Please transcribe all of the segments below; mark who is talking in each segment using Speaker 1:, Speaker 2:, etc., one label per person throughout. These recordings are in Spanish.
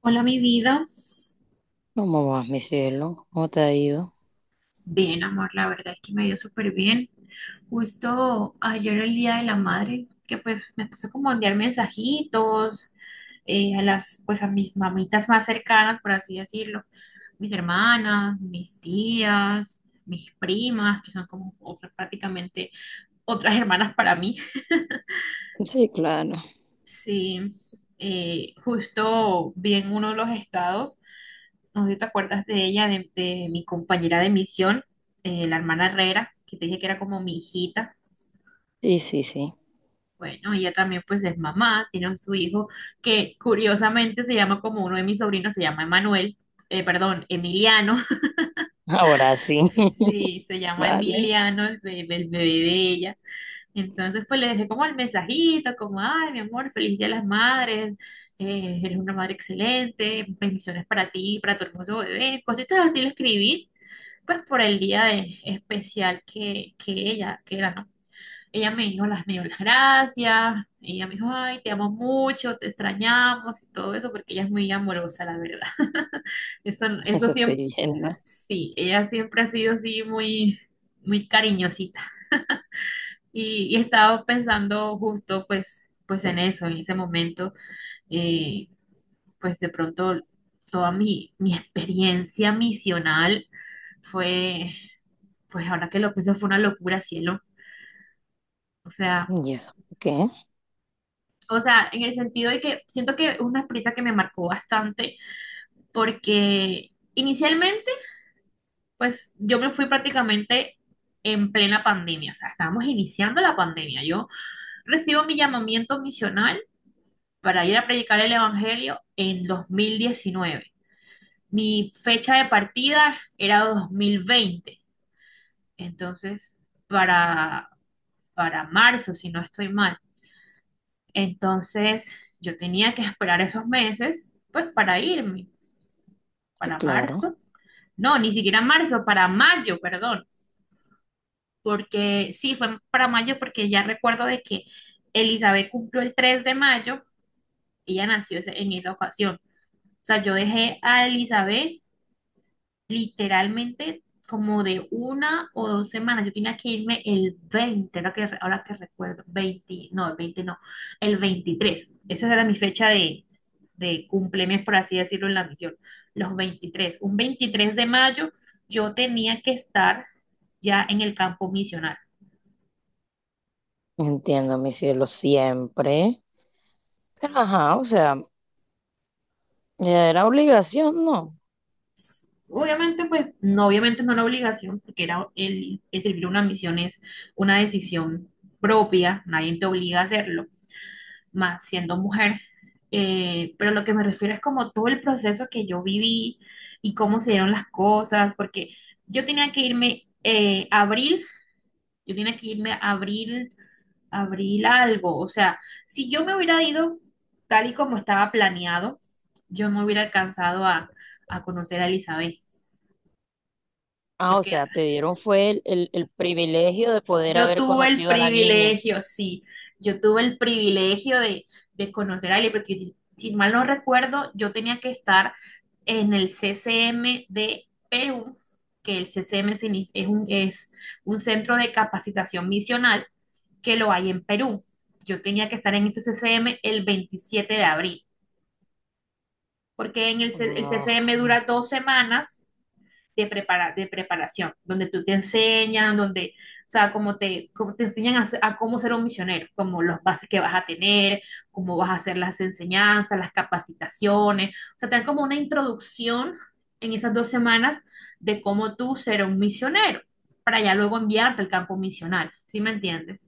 Speaker 1: Hola, mi vida.
Speaker 2: ¿Cómo vas, mi cielo? ¿Cómo te ha ido?
Speaker 1: Bien, amor, la verdad es que me dio súper bien. Justo ayer el Día de la Madre, que pues me puse como a enviar mensajitos pues a mis mamitas más cercanas, por así decirlo. Mis hermanas, mis tías, mis primas, que son como otras, prácticamente otras hermanas para mí.
Speaker 2: Sí, claro.
Speaker 1: Sí, justo vi en uno de los estados. No sé si te acuerdas de ella, de mi compañera de misión, la hermana Herrera, que te dije que era como mi hijita.
Speaker 2: Sí, sí, sí.
Speaker 1: Bueno, ella también pues es mamá, tiene su hijo que curiosamente se llama como uno de mis sobrinos, se llama Emanuel, perdón, Emiliano.
Speaker 2: Ahora sí.
Speaker 1: Sí, se llama
Speaker 2: Vale.
Speaker 1: Emiliano, el bebé de ella. Entonces pues le dejé como el mensajito, como, ay, mi amor, feliz Día de las Madres, eres una madre excelente, bendiciones para ti, para tu hermoso bebé, cositas así le escribí. Pues por el día especial que ella, que era, ¿no? Ella me dio las gracias, ella me dijo, ay, te amo mucho, te extrañamos y todo eso, porque ella es muy amorosa, la verdad. Eso
Speaker 2: Eso estoy
Speaker 1: siempre.
Speaker 2: viendo.
Speaker 1: Sí, ella siempre ha sido así muy, muy cariñosita. Y estaba pensando justo pues en eso, en ese momento, eh, pues de pronto toda mi experiencia misional fue pues ahora que lo pienso fue una locura, cielo. O sea,
Speaker 2: ¿Y eso? ¿Por qué?
Speaker 1: en el sentido de que siento que es una experiencia que me marcó bastante porque inicialmente, pues yo me fui prácticamente en plena pandemia, o sea, estábamos iniciando la pandemia. Yo recibo mi llamamiento misional para ir a predicar el Evangelio en 2019. Mi fecha de partida era 2020. Entonces para, para marzo, si no estoy mal. Entonces yo tenía que esperar esos meses, pues para irme,
Speaker 2: Sí,
Speaker 1: para
Speaker 2: claro.
Speaker 1: marzo. No, ni siquiera marzo, para mayo, perdón. Porque sí, fue para mayo porque ya recuerdo de que Elizabeth cumplió el 3 de mayo, ella nació en esa ocasión. O sea, yo dejé a Elizabeth literalmente como de una o 2 semanas. Yo tenía que irme el 20, ahora que recuerdo, 20 no, el 20 no, el 23. Esa era mi fecha de cumpleaños, por así decirlo, en la misión. Los 23. Un 23 de mayo yo tenía que estar ya en el campo misional.
Speaker 2: Entiendo, mi cielo, siempre. Pero, ajá, o sea, era obligación, ¿no?
Speaker 1: Obviamente, pues, no, obviamente no una obligación, porque era el servir una misión es una decisión propia, nadie te obliga a hacerlo más siendo mujer. Pero lo que me refiero es como todo el proceso que yo viví y cómo se dieron las cosas, porque yo tenía que irme eh, abril, yo tenía que irme abril, abril algo, o sea, si yo me hubiera ido tal y como estaba planeado, yo no hubiera alcanzado a conocer a Elizabeth.
Speaker 2: Ah, o
Speaker 1: Porque
Speaker 2: sea, te dieron fue el privilegio de poder
Speaker 1: Yo
Speaker 2: haber
Speaker 1: tuve el
Speaker 2: conocido a la niña.
Speaker 1: privilegio, sí, yo tuve el privilegio de conocer a Ali, porque si mal no recuerdo, yo tenía que estar en el CCM de Perú, que el CCM es un centro de capacitación misional que lo hay en Perú. Yo tenía que estar en ese CCM el 27 de abril, porque el CCM
Speaker 2: Ah,
Speaker 1: dura 2 semanas de, prepara de preparación, donde tú te enseñan, donde, o sea, como te enseñan cómo ser un misionero, como los bases que vas a tener, cómo vas a hacer las enseñanzas, las capacitaciones. O sea, te dan como una introducción en esas 2 semanas de cómo tú ser un misionero, para ya luego enviarte al campo misional, ¿sí me entiendes?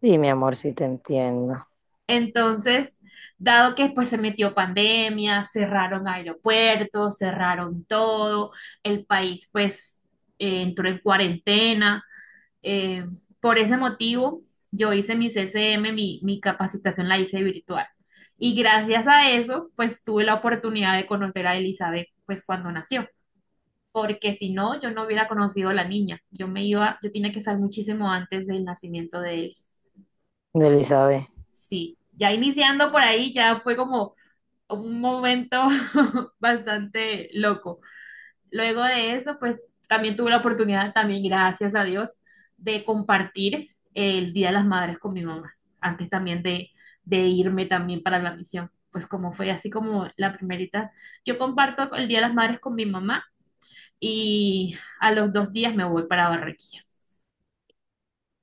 Speaker 2: sí, mi amor, sí te entiendo.
Speaker 1: Entonces, dado que después se metió pandemia, cerraron aeropuertos, cerraron todo, el país pues entró en cuarentena. eh, por ese motivo, yo hice mi CCM, mi capacitación la hice virtual. Y gracias a eso, pues tuve la oportunidad de conocer a Elizabeth pues cuando nació. Porque si no, yo no hubiera conocido a la niña. Yo me iba, yo tenía que estar muchísimo antes del nacimiento de él.
Speaker 2: Elizabeth.
Speaker 1: Sí, ya iniciando por ahí, ya fue como un momento bastante loco. Luego de eso, pues también tuve la oportunidad, también gracias a Dios, de compartir el Día de las Madres con mi mamá, antes también de irme también para la misión. Pues como fue así como la primerita, yo comparto el Día de las Madres con mi mamá y a los 2 días me voy para Barranquilla.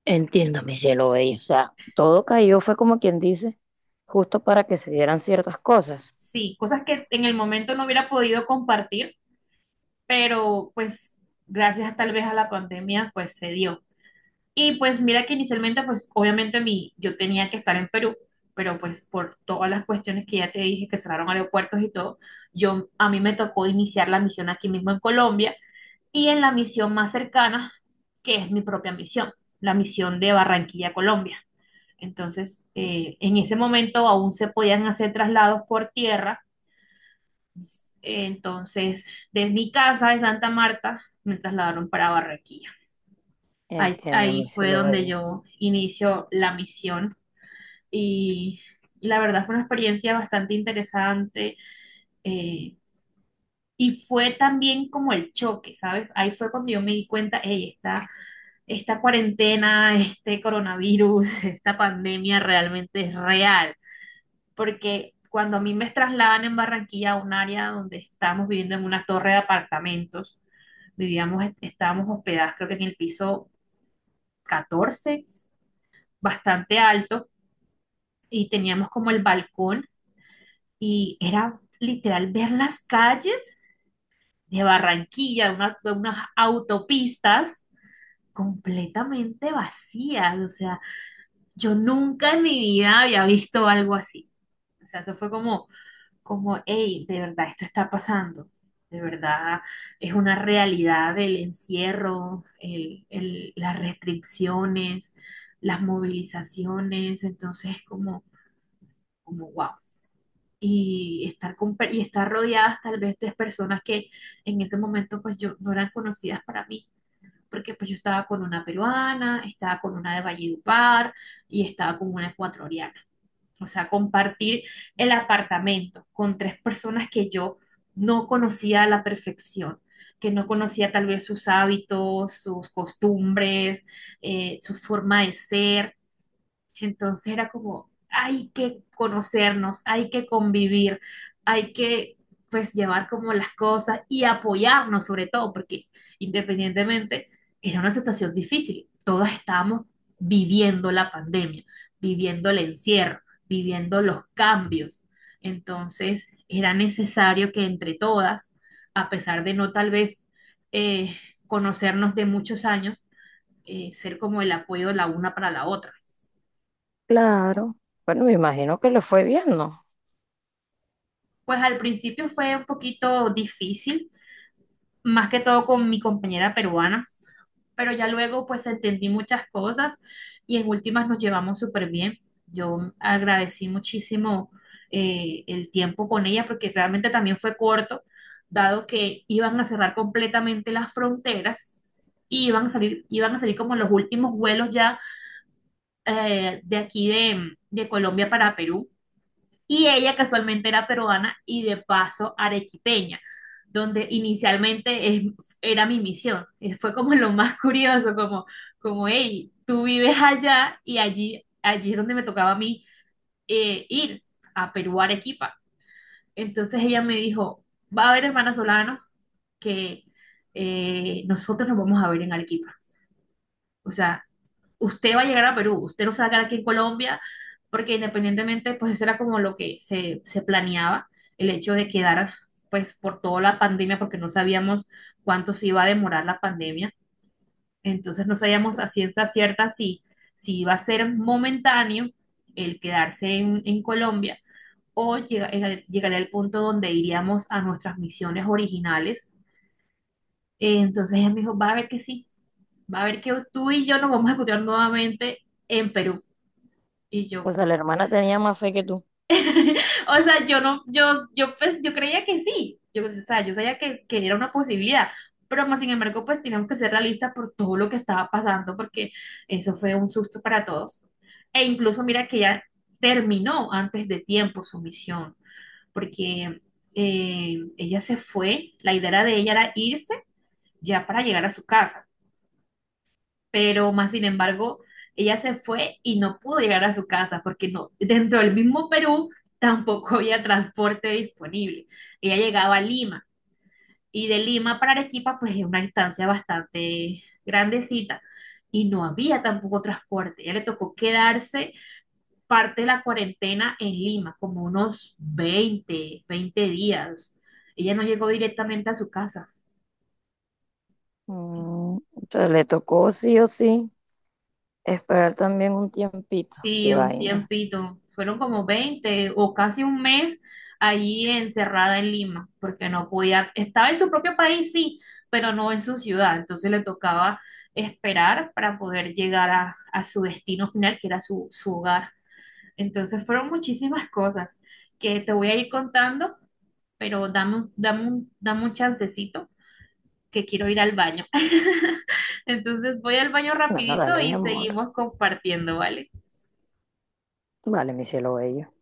Speaker 2: Entiendo, mi cielo bello. O sea, todo cayó, fue como quien dice, justo para que se dieran ciertas cosas.
Speaker 1: Sí, cosas que en el momento no hubiera podido compartir, pero pues gracias tal vez a la pandemia, pues se dio. Y pues mira que inicialmente, pues obviamente yo tenía que estar en Perú, pero pues por todas las cuestiones que ya te dije, que cerraron aeropuertos y todo, yo a mí me tocó iniciar la misión aquí mismo en Colombia y en la misión más cercana, que es mi propia misión, la misión de Barranquilla, Colombia. Entonces, en ese momento aún se podían hacer traslados por tierra. Entonces, desde mi casa de Santa Marta me trasladaron para Barranquilla. Ahí,
Speaker 2: Entiendo, mi
Speaker 1: ahí fue
Speaker 2: cielo
Speaker 1: donde
Speaker 2: bello.
Speaker 1: yo inicio la misión y la verdad fue una experiencia bastante interesante. eh, y fue también como el choque, ¿sabes? Ahí fue cuando yo me di cuenta, hey, esta cuarentena, este coronavirus, esta pandemia realmente es real, porque cuando a mí me trasladan en Barranquilla a un área donde estábamos viviendo en una torre de apartamentos, estábamos hospedadas creo que en el piso 14, bastante alto, y teníamos como el balcón y era literal ver las calles de Barranquilla, de unas autopistas completamente vacías. O sea, yo nunca en mi vida había visto algo así. O sea, eso fue como, hey, de verdad esto está pasando. De verdad es una realidad el encierro, las restricciones, las movilizaciones. Entonces, como, wow. Y estar rodeadas tal vez de personas que en ese momento pues yo no eran conocidas para mí, porque pues yo estaba con una peruana, estaba con una de Valledupar y estaba con una ecuatoriana. O sea, compartir el apartamento con tres personas que yo no conocía a la perfección, que no conocía tal vez sus hábitos, sus costumbres, su forma de ser. Entonces era como, hay que conocernos, hay que convivir, hay que pues llevar como las cosas y apoyarnos sobre todo, porque independientemente era una situación difícil. Todas estábamos viviendo la pandemia, viviendo el encierro, viviendo los cambios. Entonces era necesario que entre todas, a pesar de no tal vez eh, conocernos de muchos años, ser como el apoyo la una para la otra.
Speaker 2: Claro. Bueno, me imagino que le fue bien, ¿no?
Speaker 1: Pues al principio fue un poquito difícil, más que todo con mi compañera peruana, pero ya luego pues entendí muchas cosas y en últimas nos llevamos súper bien. Yo agradecí muchísimo el tiempo con ella porque realmente también fue corto, dado que iban a cerrar completamente las fronteras y iban a salir como los últimos vuelos ya de aquí de Colombia para Perú. Y ella casualmente era peruana y de paso arequipeña, donde inicialmente era mi misión. Y fue como lo más curioso, como, hey, tú vives allá y allí es donde me tocaba a mí ir a Perú, a Arequipa. Entonces ella me dijo, va a haber hermana Solano que nosotros nos vamos a ver en Arequipa. O sea, usted va a llegar a Perú, usted no se va a quedar aquí en Colombia, porque independientemente, pues eso era como lo que se planeaba, el hecho de quedar, pues por toda la pandemia, porque no sabíamos cuánto se iba a demorar la pandemia, entonces no sabíamos a ciencia cierta si iba a ser momentáneo el quedarse en Colombia o llegaría al punto donde iríamos a nuestras misiones originales. Entonces, ella me dijo, va a ver que sí, va a ver que tú y yo nos vamos a encontrar nuevamente en Perú. Y
Speaker 2: O
Speaker 1: yo,
Speaker 2: sea, la hermana tenía más fe que tú.
Speaker 1: o sea, yo no, yo pues, yo creía que sí, o sea, yo sabía que era una posibilidad, pero más sin embargo, pues teníamos que ser realistas por todo lo que estaba pasando, porque eso fue un susto para todos. E incluso mira que ella terminó antes de tiempo su misión, porque ella se fue, la idea de ella era irse ya para llegar a su casa. Pero más sin embargo, ella se fue y no pudo llegar a su casa porque no, dentro del mismo Perú tampoco había transporte disponible. Ella llegaba a Lima y de Lima para Arequipa pues es una distancia bastante grandecita y no había tampoco transporte. Ella le tocó quedarse parte de la cuarentena en Lima, como unos 20 días. Ella no llegó directamente a su casa.
Speaker 2: Mm, o sea, le tocó sí o sí esperar también un tiempito.
Speaker 1: Sí,
Speaker 2: Qué
Speaker 1: un
Speaker 2: vaina.
Speaker 1: tiempito. Fueron como 20 o casi un mes allí encerrada en Lima, porque no podía, estaba en su propio país, sí, pero no en su ciudad. Entonces le tocaba esperar para poder llegar a su destino final, que era su hogar. Entonces fueron muchísimas cosas que te voy a ir contando, pero dame un chancecito que quiero ir al baño. Entonces voy al baño
Speaker 2: Bueno, dale,
Speaker 1: rapidito
Speaker 2: mi
Speaker 1: y
Speaker 2: amor.
Speaker 1: seguimos compartiendo, ¿vale?
Speaker 2: Vale, mi cielo bello.